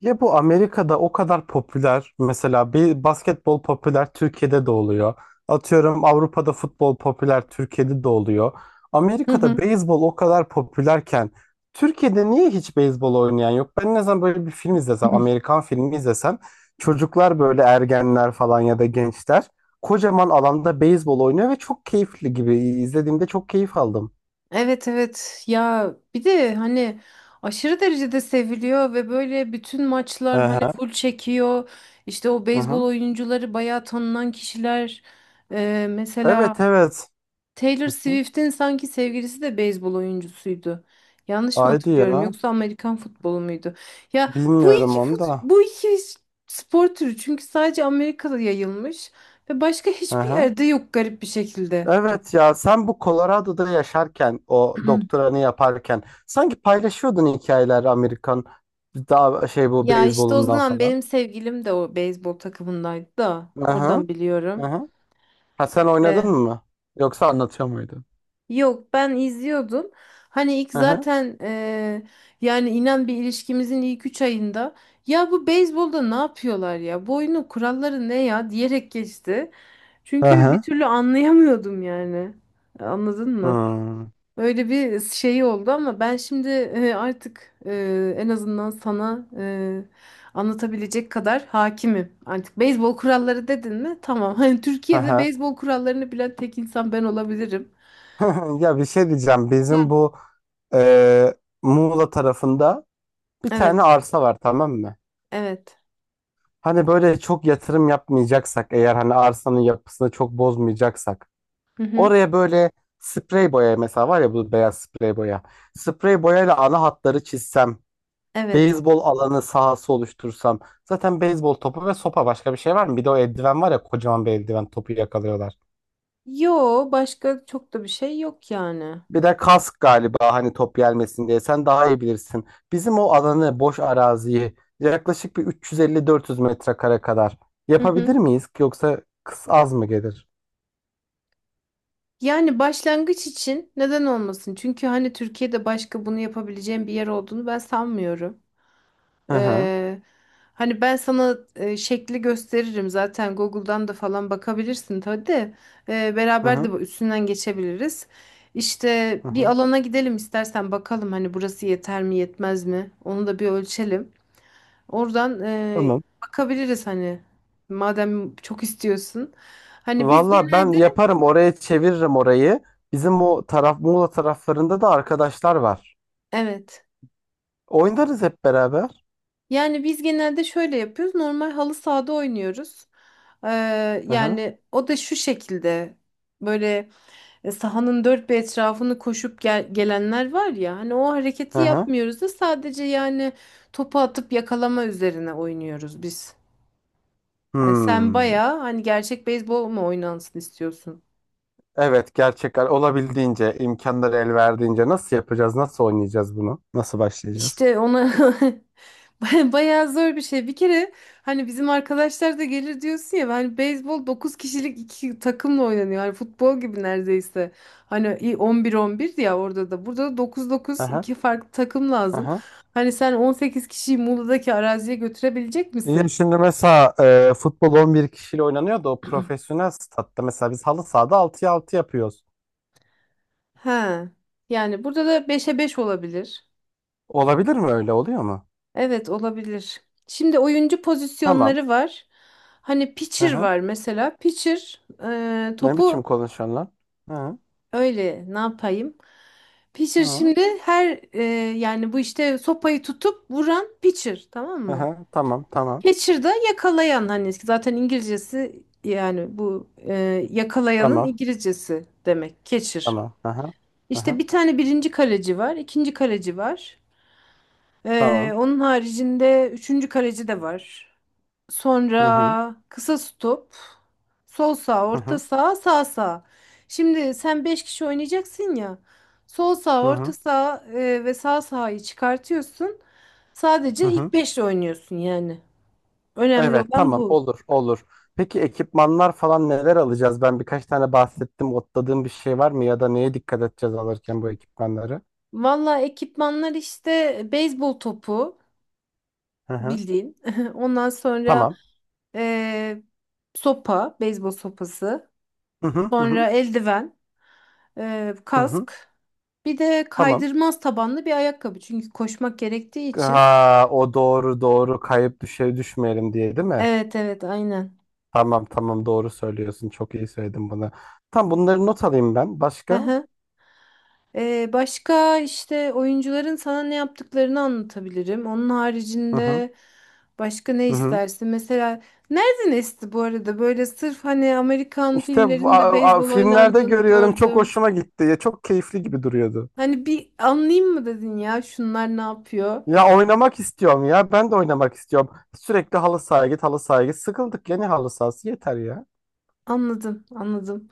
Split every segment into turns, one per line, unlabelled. Ya bu Amerika'da o kadar popüler. Mesela bir basketbol popüler Türkiye'de de oluyor. Atıyorum Avrupa'da futbol popüler Türkiye'de de oluyor.
Hı
Amerika'da
hı.
beyzbol o kadar popülerken Türkiye'de niye hiç beyzbol oynayan yok? Ben ne zaman böyle bir film izlesem, Amerikan filmi izlesem çocuklar böyle ergenler falan ya da gençler kocaman alanda beyzbol oynuyor ve çok keyifli gibi izlediğimde çok keyif aldım.
Evet, evet, ya bir de hani aşırı derecede seviliyor ve böyle bütün maçlar
Hı
hani
hı.
full çekiyor. İşte o
Hı
beyzbol
hı.
oyuncuları bayağı tanınan kişiler. Mesela
Evet evet.
Taylor
Hı hı.
Swift'in sanki sevgilisi de beyzbol oyuncusuydu. Yanlış mı
Haydi
hatırlıyorum
ya.
yoksa Amerikan futbolu muydu? Ya
Bilmiyorum onu da.
bu iki spor türü çünkü sadece Amerika'da yayılmış ve başka hiçbir
Aha.
yerde yok garip bir şekilde.
Evet ya sen bu Colorado'da yaşarken o doktoranı yaparken sanki paylaşıyordun hikayeler Amerikan daha şey bu
Ya işte o
beyzbolundan
zaman
falan.
benim sevgilim de o beyzbol takımındaydı da
Aha,
oradan biliyorum.
aha. Ha sen oynadın
İşte
mı? Yoksa anlatıyor muydun?
yok, ben izliyordum. Hani ilk
Aha.
zaten yani inan bir ilişkimizin ilk 3 ayında ya bu beyzbolda ne yapıyorlar, ya bu oyunun kuralları ne ya diyerek geçti. Çünkü bir
Aha.
türlü anlayamıyordum yani. Anladın mı?
Hmm.
Böyle bir şey oldu ama ben şimdi artık, en azından sana anlatabilecek kadar hakimim. Artık beyzbol kuralları dedin mi? Tamam. Hani Türkiye'de
Aha.
beyzbol kurallarını bilen tek insan ben olabilirim.
Ya bir şey diyeceğim. Bizim bu e, Muğla tarafında bir tane
Evet,
arsa var, tamam mı?
evet.
Hani böyle çok yatırım yapmayacaksak, eğer hani arsanın yapısını çok bozmayacaksak
Hı hı.
oraya böyle sprey boya mesela var ya, bu beyaz sprey boya. Sprey boyayla ana hatları çizsem,
Evet.
beyzbol alanı sahası oluştursam. Zaten beyzbol topu ve sopa, başka bir şey var mı? Bir de o eldiven var ya, kocaman bir eldiven, topu yakalıyorlar.
Yo, başka çok da bir şey yok yani.
Bir de kask galiba, hani top gelmesin diye. Sen daha iyi bilirsin. Bizim o alanı, boş araziyi yaklaşık bir 350-400 metrekare kadar
Hı hı.
yapabilir miyiz? Yoksa kız az mı gelir?
Yani başlangıç için neden olmasın? Çünkü hani Türkiye'de başka bunu yapabileceğim bir yer olduğunu ben sanmıyorum.
Hı hı.
Ee, Hani ben sana şekli gösteririm, zaten Google'dan da falan bakabilirsin tabii de.
Hı
Beraber de
hı.
bu üstünden geçebiliriz. İşte
Hı
bir
hı.
alana gidelim istersen, bakalım hani burası yeter mi yetmez mi, onu da bir ölçelim. Oradan
Tamam.
bakabiliriz hani, madem çok istiyorsun. Hani biz
Valla ben
genelde,
yaparım, oraya çeviririm orayı. Bizim o taraf Muğla taraflarında da arkadaşlar var.
evet,
Oynarız hep beraber.
yani biz genelde şöyle yapıyoruz, normal halı sahada oynuyoruz. Ee,
Hı hı.
Yani o da şu şekilde böyle. E, sahanın dört bir etrafını koşup gelenler var ya, hani o
Hı
hareketi
hı.
yapmıyoruz da sadece yani topu atıp yakalama üzerine oynuyoruz biz. Hani sen
Hmm.
bayağı hani gerçek beyzbol mu oynansın istiyorsun?
Evet, gerçekten olabildiğince, imkanları el verdiğince nasıl yapacağız? Nasıl oynayacağız bunu? Nasıl başlayacağız?
İşte ona bayağı zor bir şey. Bir kere hani bizim arkadaşlar da gelir diyorsun ya, hani beyzbol 9 kişilik iki takımla oynanıyor. Hani futbol gibi neredeyse. Hani 11 11 ya orada da. Burada da dokuz
Hı
9
hı.
iki farklı takım
Hı
lazım.
hı.
Hani sen 18 kişiyi Muğla'daki araziye götürebilecek
Ya
misin?
şimdi mesela futbol 11 kişiyle oynanıyor da o profesyonel statta, mesela biz halı sahada 6'ya altı yapıyoruz.
Ha. Yani burada da 5'e 5 olabilir.
Olabilir mi, öyle oluyor mu?
Evet, olabilir. Şimdi oyuncu
Tamam.
pozisyonları var. Hani
Hı
pitcher
hı.
var mesela. Pitcher
Ne
topu.
biçim konuşuyorsun lan? Hı hı.
Öyle ne yapayım? Pitcher
Hı.
şimdi her yani bu işte sopayı tutup vuran pitcher, tamam mı?
Aha, tamam, tamam,
Catcher da yakalayan, hani zaten İngilizcesi, yani bu yakalayanın
tamam,
İngilizcesi demek catcher.
tamam, aha,
İşte
aha,
bir tane birinci kaleci var, ikinci kaleci var.
tamam,
Onun haricinde üçüncü kaleci de var.
hı hı,
Sonra kısa stop. Sol sağ,
hı
orta
hı,
sağ, sağ sağ. Şimdi sen 5 kişi oynayacaksın ya. Sol sağ,
hı
orta
hı,
sağ ve sağ sağyı çıkartıyorsun.
hı
Sadece
hı.
ilk beşle oynuyorsun yani. Önemli
Evet,
olan
tamam,
bu.
olur olur. Peki ekipmanlar falan neler alacağız? Ben birkaç tane bahsettim. Otladığım bir şey var mı ya da neye dikkat edeceğiz alırken bu ekipmanları?
Valla ekipmanlar işte beyzbol topu,
Hı hı.
bildiğin. Ondan sonra
Tamam.
e, sopa, beyzbol sopası.
Hı hı, hı hı,
Sonra eldiven.
hı hı.
Kask. Bir de
Tamam.
kaydırmaz tabanlı bir ayakkabı. Çünkü koşmak gerektiği için.
Ha, o doğru doğru, kayıp düşe düşmeyelim diye, değil mi?
Evet, evet, aynen.
Tamam tamam, doğru söylüyorsun. Çok iyi söyledin bunu. Tam bunları not alayım ben.
Hı
Başka?
hı. Başka işte oyuncuların sana ne yaptıklarını anlatabilirim. Onun
Hı hı.
haricinde başka ne
Hı hı.
istersin? Mesela nereden esti bu arada? Böyle sırf hani Amerikan
İşte
filmlerinde beyzbol
filmlerde
oynandığını
görüyorum, çok
gördüm.
hoşuma gitti. Ya çok keyifli gibi duruyordu.
Hani bir anlayayım mı dedin ya şunlar ne yapıyor?
Ya oynamak istiyorum ya. Ben de oynamak istiyorum. Sürekli halı sahaya git, halı sahaya git. Sıkıldık ya, ne halı sahası, yeter ya.
Anladım, anladım.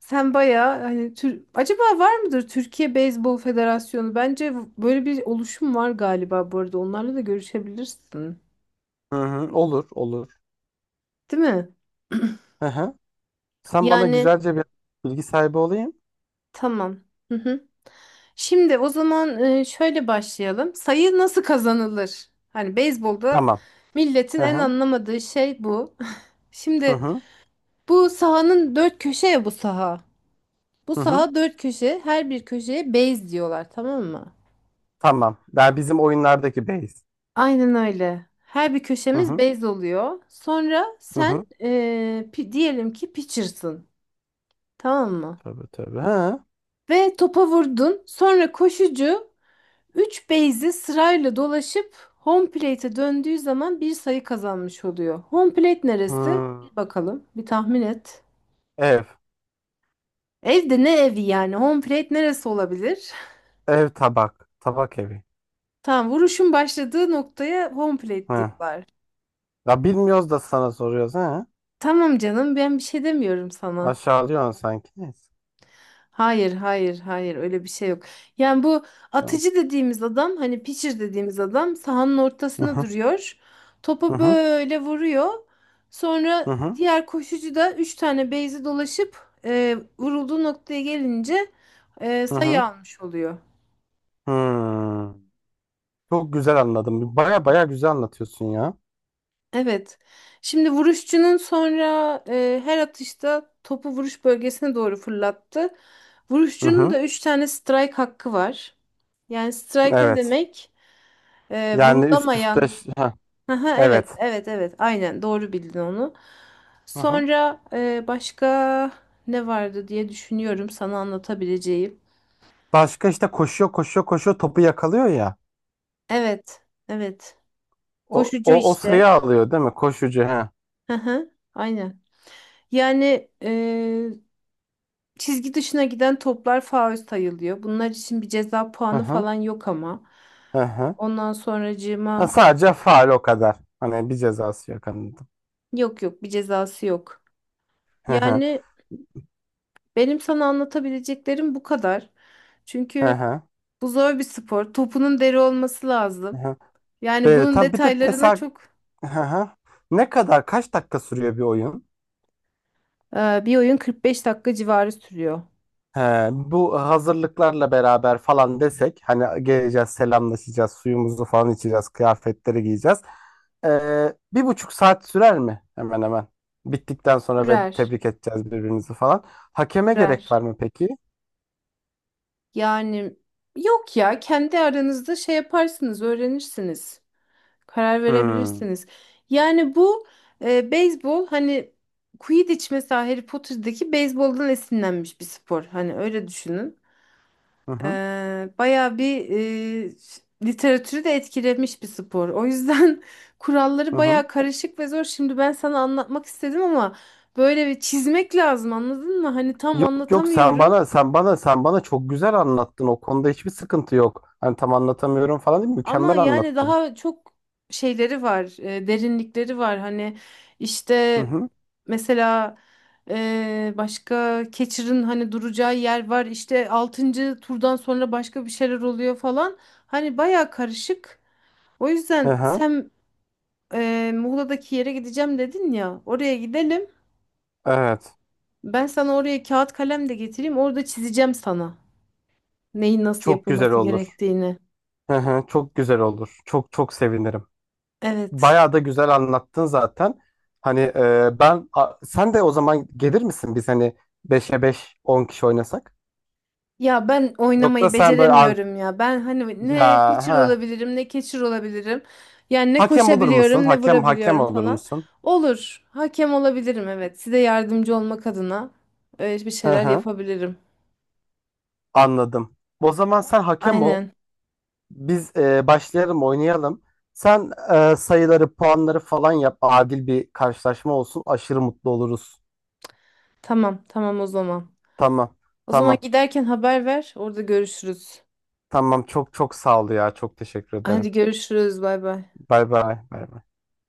Sen bayağı hani tür acaba var mıdır Türkiye Beyzbol Federasyonu? Bence böyle bir oluşum var galiba bu arada. Onlarla da görüşebilirsin.
Hı hı, olur, olur.
Değil mi?
Hı hı. Sen bana
Yani
güzelce bir bilgi sahibi olayım.
tamam. Hı hı. Şimdi o zaman şöyle başlayalım. Sayı nasıl kazanılır? Hani beyzbolda
Tamam.
milletin
Hı
en
hı.
anlamadığı şey bu.
Hı
Şimdi
hı.
bu sahanın dört köşe ya bu saha. Bu
Hı hı.
saha dört köşe. Her bir köşeye base diyorlar, tamam mı?
Tamam. Ben bizim oyunlardaki base.
Aynen öyle. Her bir
Hı
köşemiz
hı.
bez oluyor. Sonra
Hı
sen
hı.
diyelim ki pitcher'sın. Tamam mı?
Tabii tabii. Ha.
Ve topa vurdun. Sonra koşucu 3 base'i sırayla dolaşıp home plate'e döndüğü zaman bir sayı kazanmış oluyor. Home plate neresi?
Ha.
Bir bakalım. Bir tahmin et.
Ev.
Evde ne evi yani? Home plate neresi olabilir?
Ev tabak. Tabak evi.
Tamam, vuruşun başladığı noktaya home plate
Ha.
diyorlar.
Ya bilmiyoruz da sana soruyoruz, ha.
Tamam canım, ben bir şey demiyorum sana.
Aşağılıyorsun sanki. Neyse.
Hayır, hayır, hayır, öyle bir şey yok. Yani bu
Tamam.
atıcı dediğimiz adam, hani pitcher dediğimiz adam, sahanın
Hı
ortasına
hı.
duruyor.
Hı
Topa
hı.
böyle vuruyor.
Hı
Sonra
hı.
diğer koşucu da 3 tane base'i dolaşıp vurulduğu noktaya gelince
Hı
sayı
hı.
almış oluyor.
Hmm. Çok güzel anladım. Baya baya güzel anlatıyorsun ya.
Evet. Şimdi vuruşçunun sonra her atışta topu vuruş bölgesine doğru fırlattı.
Hı
Vuruşçunun
hı.
da 3 tane strike hakkı var. Yani strike ne
Evet.
demek?
Yani üst üste.
Vurulamayan.
Ha.
Aha,
Evet.
evet, evet, evet. Aynen, doğru bildin onu.
Hı hı.
Sonra başka ne vardı diye düşünüyorum sana anlatabileceğim.
Başka işte, koşuyor koşuyor koşuyor, topu yakalıyor ya.
Evet, evet.
O,
Koşucu
o, o
işte.
sayı alıyor, değil mi? Koşucu. Ha.
Aha, aynen. Yani çizgi dışına giden toplar faul sayılıyor. Bunlar için bir ceza
Hı
puanı
hı.
falan yok ama.
Hı hı.
Ondan
Ha,
sonracığıma
sadece faal, o kadar. Hani bir cezası yok. Hani.
yok, yok, bir cezası yok.
Hı hı,
Yani benim sana anlatabileceklerim bu kadar.
hı
Çünkü
hı,
bu zor bir spor. Topunun deri olması
hı
lazım.
hı.
Yani
Böyle
bunun
tam bir de
detaylarına
mesela,
çok.
hı hı, ne kadar, kaç dakika sürüyor bir oyun?
Bir oyun 45 dakika civarı sürüyor.
He, bu hazırlıklarla beraber falan desek, hani geleceğiz, selamlaşacağız, suyumuzu falan içeceğiz, kıyafetleri giyeceğiz. 1,5 saat sürer mi hemen hemen? Bittikten sonra ve
Sürer,
tebrik edeceğiz birbirimizi falan. Hakeme
sürer.
gerek var mı peki?
Yani yok ya, kendi aranızda şey yaparsınız, öğrenirsiniz. Karar
Hmm.
verebilirsiniz. Yani bu beyzbol, hani Quidditch mesela Harry Potter'daki beyzboldan esinlenmiş bir spor. Hani öyle düşünün.
Hı hı,
Bayağı bir literatürü de etkilemiş bir spor. O yüzden kuralları
hı hı.
bayağı karışık ve zor. Şimdi ben sana anlatmak istedim ama böyle bir çizmek lazım, anladın mı? Hani tam
Yok yok, sen
anlatamıyorum
bana sen bana sen bana çok güzel anlattın, o konuda hiçbir sıkıntı yok. Hani tam anlatamıyorum falan değil,
ama
mükemmel
yani
anlattın.
daha çok şeyleri var, derinlikleri var. Hani
Hı
işte
hı.
mesela başka Catcher'ın hani duracağı yer var. İşte altıncı turdan sonra başka bir şeyler oluyor falan. Hani bayağı karışık. O
Hı
yüzden
hı.
sen Muğla'daki yere gideceğim dedin ya. Oraya gidelim.
Evet.
Ben sana oraya kağıt kalem de getireyim. Orada çizeceğim sana. Neyin nasıl
Çok güzel
yapılması
olur.
gerektiğini.
Hı hı. Çok güzel olur. Çok çok sevinirim.
Evet.
Bayağı da güzel anlattın zaten. Hani sen de o zaman gelir misin, biz hani 5'e beş 10 kişi oynasak?
Ya ben
Yoksa
oynamayı
sen böyle
beceremiyorum ya. Ben hani
ya,
ne pitcher
ha.
olabilirim ne catcher olabilirim. Yani ne
Hakem olur musun?
koşabiliyorum ne
Hakem
vurabiliyorum
olur
falan.
musun?
Olur. Hakem olabilirim, evet. Size yardımcı olmak adına öyle bir
Hı
şeyler
hı.
yapabilirim.
Anladım. O zaman sen hakem ol.
Aynen.
Biz başlayalım, oynayalım. Sen sayıları, puanları falan yap. Adil bir karşılaşma olsun. Aşırı mutlu oluruz.
Tamam, tamam, o zaman.
Tamam.
O zaman
Tamam.
giderken haber ver. Orada görüşürüz.
Tamam. Çok çok sağ ol ya. Çok teşekkür ederim.
Hadi, görüşürüz. Bay bay.
Bay bay. Bay bay.